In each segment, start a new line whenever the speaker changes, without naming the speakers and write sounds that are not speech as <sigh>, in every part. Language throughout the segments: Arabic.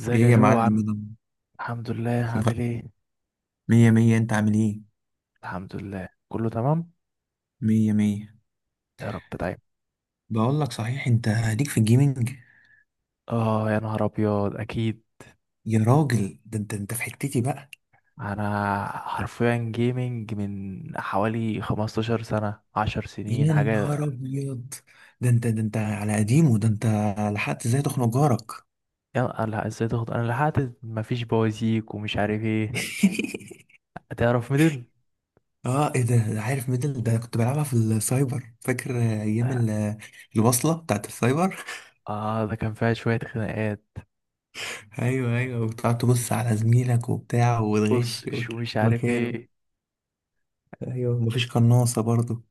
ازيك يا
ايه يا
جو عم.
معلم، إيه ده؟
الحمد لله، عامل
<laughs>
ايه؟
مية مية، انت عامل ايه؟
الحمد لله، كله تمام.
مية مية.
يا رب دايما.
بقول لك، صحيح انت ليك في الجيمنج؟
اه، يا نهار ابيض، اكيد.
يا راجل، ده انت في حتتي بقى.
انا حرفيا جيمنج من حوالي 15 سنة، 10 سنين
يا
حاجة.
نهار ابيض، ده انت على قديمه، ده انت لحقت ازاي تخنق جارك؟
يا الله ازاي تاخد، انا لحقت مفيش بوازيك ومش عارف ايه.
<laughs>
تعرف ميدل؟
اه، ايه ده عارف ميدل، ده كنت بلعبها في السايبر، فاكر ايام الوصلة بتاعت السايبر.
اه، ده كان فيها شوية خناقات.
<laughs> ايوه ايوه، وتقعد تبص على زميلك وبتاع،
بص،
وتغش
شو
وتغش
مش عارف
مكانه.
ايه.
ايوه، مفيش قناصة برضه.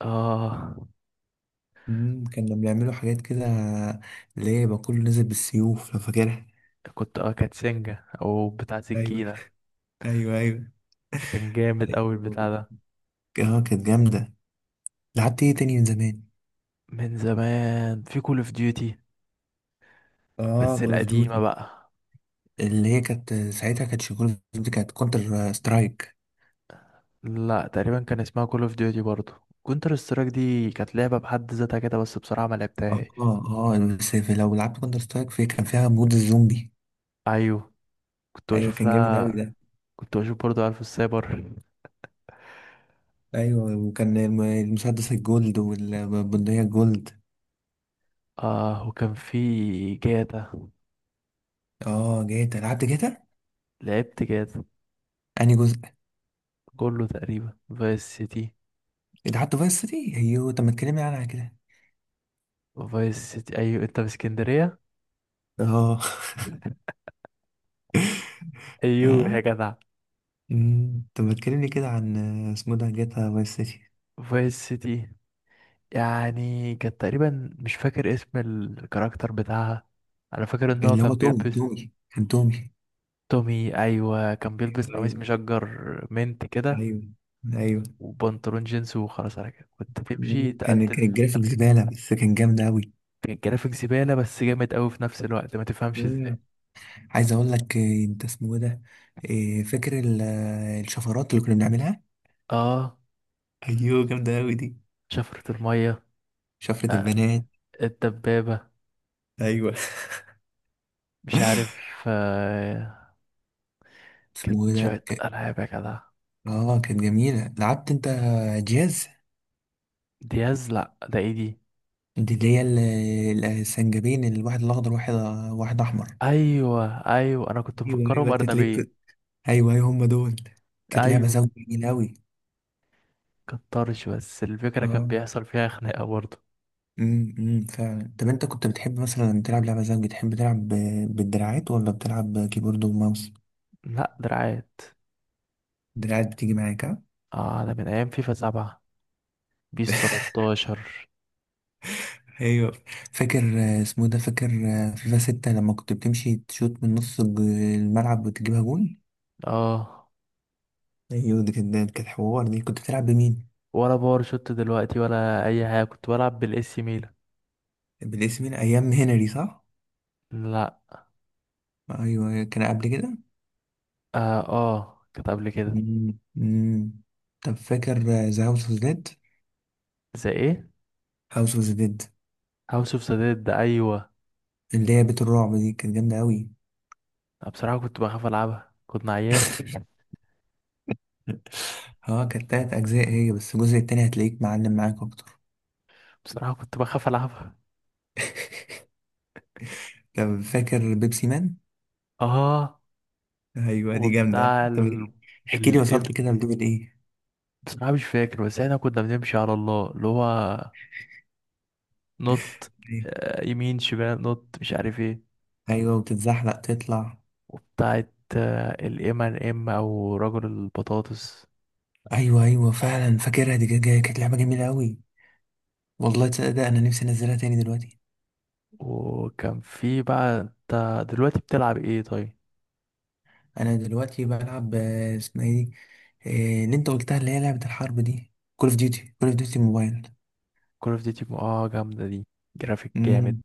اه،
كانوا بيعملوا حاجات كده، اللي هي يبقى كله نازل بالسيوف لو فاكرها.
كنت اه كانت سنجة او بتاع
ايوه
سكينة.
ايوه ايوه
كان جامد اوي البتاع
ايوه.
ده.
اه، كانت جامده. لعبت ايه تاني من زمان؟
من زمان في كول اوف ديوتي،
اه،
بس
كول اوف
القديمة
ديوتي.
بقى.
اللي هي كانت، ساعتها كانت كول اوف ديوتي، كانت كونتر سترايك.
لا، تقريبا كان اسمها كول اوف ديوتي برضو. كونتر سترايك دي كانت لعبة بحد ذاتها كده، بس بصراحة ما
اه
لعبتهاش.
اه، بس لو لعبت كونتر سترايك، في كان فيها مود الزومبي.
ايوه، كنت
ايوه،
بشوف
كان جامد اوي
لها.
ده.
كنت بشوف برضو، عارف السايبر.
ايوه، وكان المسدس الجولد والبندقيه الجولد.
اه، وكان في جاتا.
اه، جاتا، لعبت جاتا؟
لعبت جاتا.
انهي جزء؟
كله تقريبا، فايس سيتي.
لعبت فايس سيتي، ايوه. طب ما تكلمني عنها كده.
فايس سيتي، ايوه، انت في اسكندرية.
اه. <laughs>
ايوه
آه.
يا جدع.
مم. طب ما تكلمني كده عن اسمه ده جاتا فايس سيتي.
فايس سيتي. يعني كانت تقريبا، مش فاكر اسم الكاركتر بتاعها. انا فاكر ان هو
اللي
كان
هو تومي
بيلبس.
تومي كان تومي.
تومي، ايوه كان بيلبس قميص
ايوه
مشجر. منت كده.
ايوه ايوه.
وبنطلون جينز، وخلاص على كده كنت تمشي
مم. كان
تقتل
كان
في
الجرافيك
خلق.
زبالة، بس كان جامد أوي.
كان جرافيك زباله، بس جامد قوي في نفس الوقت، ما تفهمش ازاي.
مم. عايز أقول لك، أنت اسمه إيه ده؟ فاكر الشفرات اللي كنا بنعملها؟
اه،
أيوه، جامدة أوي دي.
شفرة الميه.
شفرة
آه،
البنات.
الدبابه.
ايوه.
مش عارف. آه، كانت
اسمه إيه ده
شويه العاب يا جدع.
اه، كانت جميلة. لعبت أنت جاز؟
دياز، لا ده ايه دي.
دي اللي هي السنجابين، الواحد الأخضر، واحد واحد أحمر.
ايوه، ايوه، انا كنت
ايوه
مفكرهم
ايوه، انت تلاقيك
ارنبين.
ايوه ايوه، هم دول. كانت لعبه
ايوه،
زوجي جميله قوي.
كترش بس الفكره كان
اه.
بيحصل فيها خناقه برضه.
أمم، فعلا. طب انت كنت بتحب مثلا تلعب لعبه زوجي، تحب تلعب بالدراعات ولا بتلعب كيبورد وماوس؟
لا، دراعات.
الدراعات بتيجي معاك، ها؟
اه، ده من ايام فيفا 7، بيس 13.
ايوه. فاكر، اسمه إيه ده؟ فاكر فيفا 6 لما كنت بتمشي تشوت من نص الملعب وتجيبها جون؟
اه،
ايوه، دي كانت حوار. دي كنت بتلعب بمين؟
ولا باور شوت دلوقتي ولا اي حاجه، كنت بلعب بالاس ميلان.
بالاسم، مين؟ ايام هنري، صح؟
لا.
ايوه، كان قبل كده.
اه، آه، كانت قبل كده.
أمم. طب فاكر ذا هاوس اوف زد؟
زي ايه؟
هاوس اوف ذا ديد.
هاوس اوف ذا ديد، ايوه.
اللي هي بيت الرعب، دي كانت جامدة أوي.
بصراحه كنت بخاف العبها، كنت عيان.
<laughs> اه، كانت تلات أجزاء هي، بس الجزء التاني هتلاقيك معلم معاك أكتر.
بصراحه كنت بخاف العبها.
طب فاكر بيبسي مان؟
اه،
أيوة، دي جامدة.
وبتاع
طب
ال...
احكي لي،
ال...
وصلت كده لدول إيه؟
بصراحه مش فاكر، بس احنا كنا بنمشي على الله، اللي هو نط.
إيه؟
يمين شمال نط، مش عارف ايه.
أيوة، وتتزحلق تطلع.
وبتاعت الام ان ام او رجل البطاطس.
أيوة أيوة، فعلا فاكرها، دي كانت لعبة جميلة أوي. والله، تصدق ده أنا نفسي أنزلها تاني دلوقتي.
وكان في بقى، انت دلوقتي بتلعب ايه طيب؟
أنا دلوقتي بلعب، اسمها إيه دي؟ اللي أنت قلتها، اللي هي لعبة الحرب دي، كول أوف ديوتي، كول أوف ديوتي موبايل.
كول اوف ديوتي، اه جامدة دي. جرافيك جامد.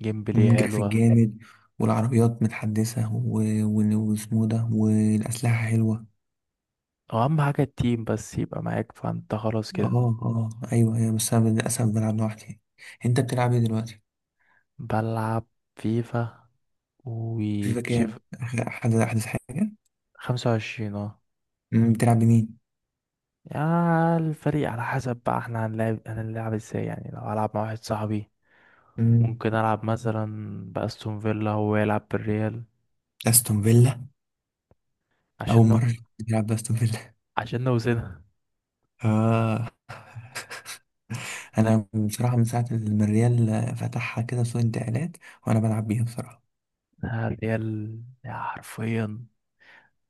جيم بلاي
جرافيك
حلوة.
جامد، والعربيات متحدثة واسمه ده، والأسلحة حلوة.
او اهم حاجة التيم بس يبقى معاك، فانت خلاص كده.
اه اه، أيوه أيوه، بس أنا للأسف بلعب لوحدي. أنت بتلعب إيه دلوقتي؟
بلعب فيفا
فيفا
وتشيف.
كام؟ آخر، أحدث حاجة؟
25، اه.
بتلعب بمين؟
يا الفريق على حسب بقى، احنا هنلعب ازاي، يعني لو هلعب مع واحد صاحبي،
مم،
ممكن العب مثلا باستون فيلا، هو يلعب بالريال.
أستون فيلا؟
عشان
أول
نو...
مرة بتلعب بأستون فيلا.
عشان نوزنها.
آه. <laughs> أنا بصراحة من ساعة ما الريال فتحها كده سوق انتقالات، وأنا بلعب بيها بصراحة.
<laughs> الريال، يا حرفيا،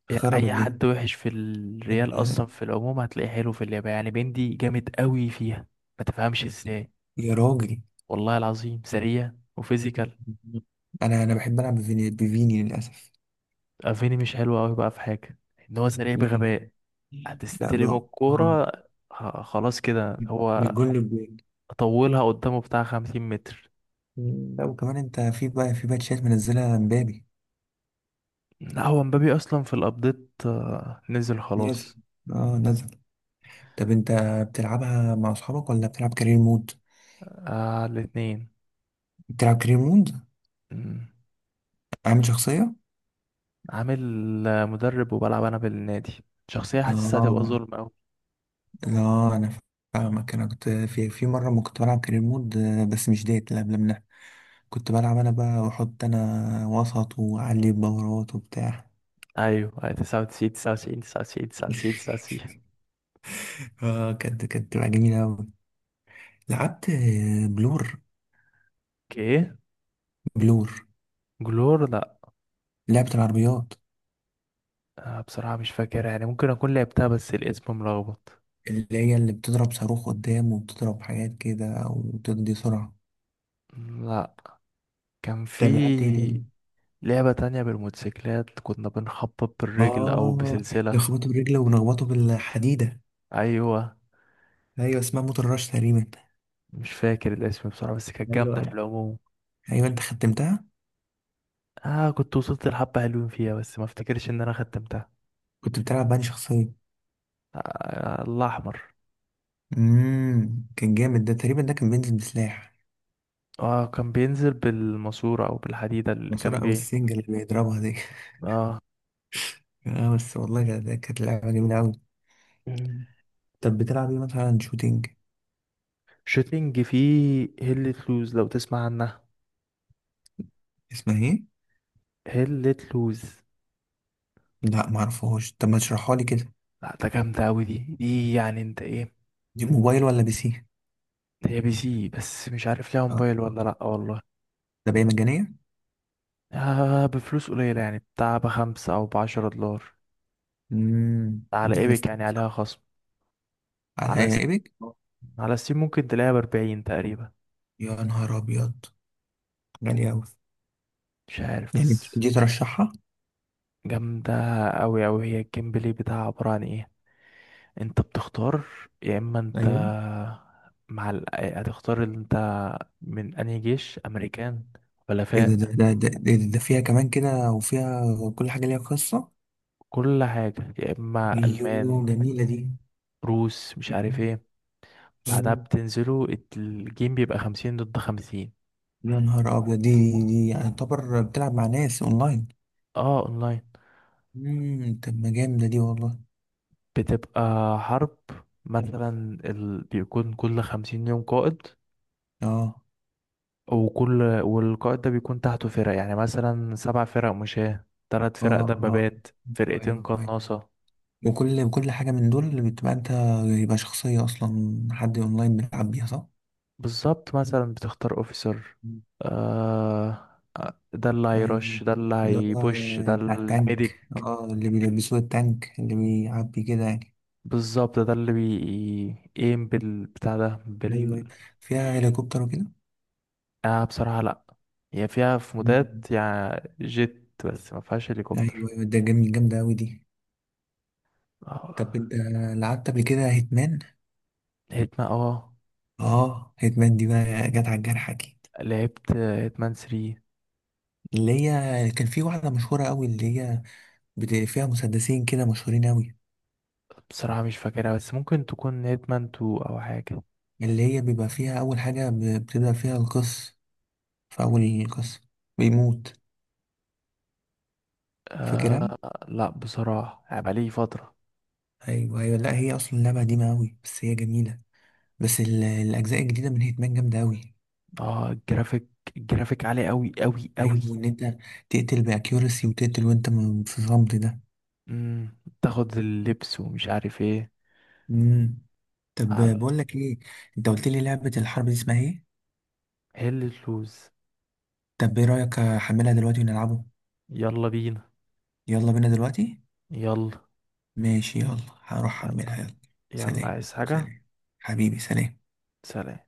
خرب
اي
الدنيا.
حد وحش في الريال اصلا في العموم هتلاقيه حلو في اللعبه، يعني بندي جامد قوي فيها، ما تفهمش ازاي.
يا راجل،
والله العظيم سريع، وفيزيكال.
انا بحب العب بفيني للاسف.
افيني مش حلو قوي، بقى في حاجه ان هو سريع
ليه؟
بغباء.
لا
هتستلم
بقى، اه،
الكوره، خلاص كده
مش
هو
جون للجون.
طولها قدامه بتاع 50 متر.
لا، وكمان انت في بقى في باتشات منزلها مبابي؟
لا، هو مبابي اصلا في الابديت، نزل
ناسي.
خلاص.
اه، نزل. طب انت بتلعبها مع اصحابك ولا بتلعب كارير مود؟
آه، الاتنين.
بتلعب كارير مود؟
مم.
عامل شخصية؟
عامل مدرب، وبلعب انا بالنادي، شخصيه حاسسها هتبقى
اه.
ظلم.
لا انا، فاهمك، انا كنت، في مرة ما كنت بلعب كارير مود، بس مش ديت، لا، قبل منها. كنت بلعب انا بقى، واحط انا وسط، واعلي الدورات وبتاع.
ايوه، أيوة، 99 99 99 99 99.
اه، كانت بتبقى جميلة أوي. لعبت، بلور.
اوكي.
بلور،
جلور، لا.
لعبة العربيات،
أنا بصراحة مش فاكر، يعني ممكن اكون لعبتها بس الاسم ملخبط.
اللي هي اللي بتضرب صاروخ قدام، وبتضرب حاجات كده وتدي سرعة.
لا. كان
طب لعبت ايه
في
تاني؟
لعبة تانية بالموتوسيكلات، كنا بنخبط بالرجل او
اه،
بسلسلة.
نخبطه برجله ونخبطه بالحديدة.
ايوه،
ايوه، اسمها موتور راش تقريبا.
مش فاكر الاسم بصراحة، بس كانت جامدة في
ايوه
العموم.
ايوه، انت ختمتها؟
اه، كنت وصلت لحبة حلوين فيها، بس ما افتكرش ان انا ختمتها.
كنت بتلعب بأنهي شخصية؟
آه، الله احمر.
كان جامد ده، تقريبا ده كان بينزل بسلاح.
اه، كان بينزل بالماسورة او بالحديدة اللي
ماسورة
كان
او
بيه.
السنجة اللي بيضربها دي.
اه.
<laughs> اه بس، والله كانت لعبة جميلة أوي. طب بتلعب ايه مثلا؟ شوتينج؟
شوتينج فيه هيلة لوز، لو تسمع عنها.
اسمها ايه؟
هيلة لوز.
لا، معرفهوش، طب ما تشرحها لي كده.
لا، ده جامدة أوي دي يعني انت ايه.
دي موبايل ولا بي سي؟
هي بي سي، بس مش عارف ليها
آه.
موبايل ولا لأ والله.
ده بقى مجانية؟
آه، بفلوس قليلة، يعني بتاع بخمسة أو بعشرة دولار. على
دي على
ايبك، يعني
ستيم، صح؟
عليها خصم.
على
على س...
ايبك؟
على ستيم ممكن تلاقيها بـ40 تقريبا.
يا نهار ابيض، غالية اوي.
مش عارف
يعني
بس.
دي ترشحها؟
جامدة أوي أوي، هي الجيم بلاي بتاعها عبارة عن ايه. انت بتختار، يا اما انت
ايوه.
هتختار اللي انت من انهي جيش، امريكان،
ايه ده ده
حلفاء.
ده ده, إيه ده, ده فيها كمان كده، وفيها كل حاجة ليها قصة.
كل حاجة، يا اما
ايوه
المان،
جميلة دي.
روس، مش عارف ايه. بعدها
مم.
بتنزلوا، الجيم بيبقى 50 ضد 50.
يا نهار ابيض دي. دي يعتبر بتلعب مع ناس اونلاين؟
اه، اونلاين.
طب ما جامدة دي والله.
بتبقى حرب، مثلا بيكون كل 50 يوم قائد،
اه
والقائد ده بيكون تحته فرق، يعني مثلا سبع فرق مشاة، تلات فرق
اه اه،
دبابات، فرقتين
ايوه ايوه.
قناصة.
وكل حاجة من دول بتبقى انت، يبقى شخصية، اصلا حد اونلاين بيلعب بيها، صح؟
بالظبط، مثلا بتختار اوفيسر،
مم.
آه، آه، ده اللي
ايوه
هيرش،
ايوه.
ده اللي
اللي هو
هيبوش، ده
بتاع التانك،
الميديك.
اه، اللي بيلبسوه التانك، اللي بيعبي كده يعني.
بالظبط، ده اللي بيقيم بالبتاع ده
ايوه
بال.
أيوة. فيها هليكوبتر وكده؟
آه، بصراحة لأ. هي فيها في
مم.
مودات يعني جيت، بس ما فيهاش
ايوه
هليكوبتر.
ايوه، ده جميل، جامدة اوي دي. طب
آه،
انت لعبت قبل كده هيتمان؟
هيتمان، اه.
اه، هيتمان دي بقى جت على الجرح اكيد.
لعبت هيتمان 3.
اللي هي كان في واحدة مشهورة اوي، اللي هي فيها مسدسين كده مشهورين اوي.
بصراحة مش فاكرها، بس ممكن تكون هيتمان 2 أو حاجة.
اللي هي بيبقى فيها اول حاجة، بتبدأ فيها القصة، في أول قصة بيموت، فاكرها؟
لأ بصراحة، يعني بقالي فترة.
أيوه أيوه. لا، هي أصلا لعبة قديمة أوي، بس هي جميلة. بس الأجزاء الجديدة من هيتمان جامدة أوي.
اه، الجرافيك، الجرافيك عالي أوي أوي أوي.
أيوه، إن أنت تقتل بأكيورسي، وتقتل وأنت في صمت ده.
تاخد اللبس ومش عارف ايه.
مم. طب
على
بقول لك إيه، أنت قلت لي لعبة الحرب دي اسمها إيه؟
هل اللوز.
طب إيه رأيك أحملها دلوقتي ونلعبه؟
يلا بينا.
يلا بينا دلوقتي؟
يلا.
ماشي، يلا. هروح
يلا،
أحملها، يلا.
يلا
سلام.
عايز حاجة؟
سلام حبيبي، سلام.
سلام.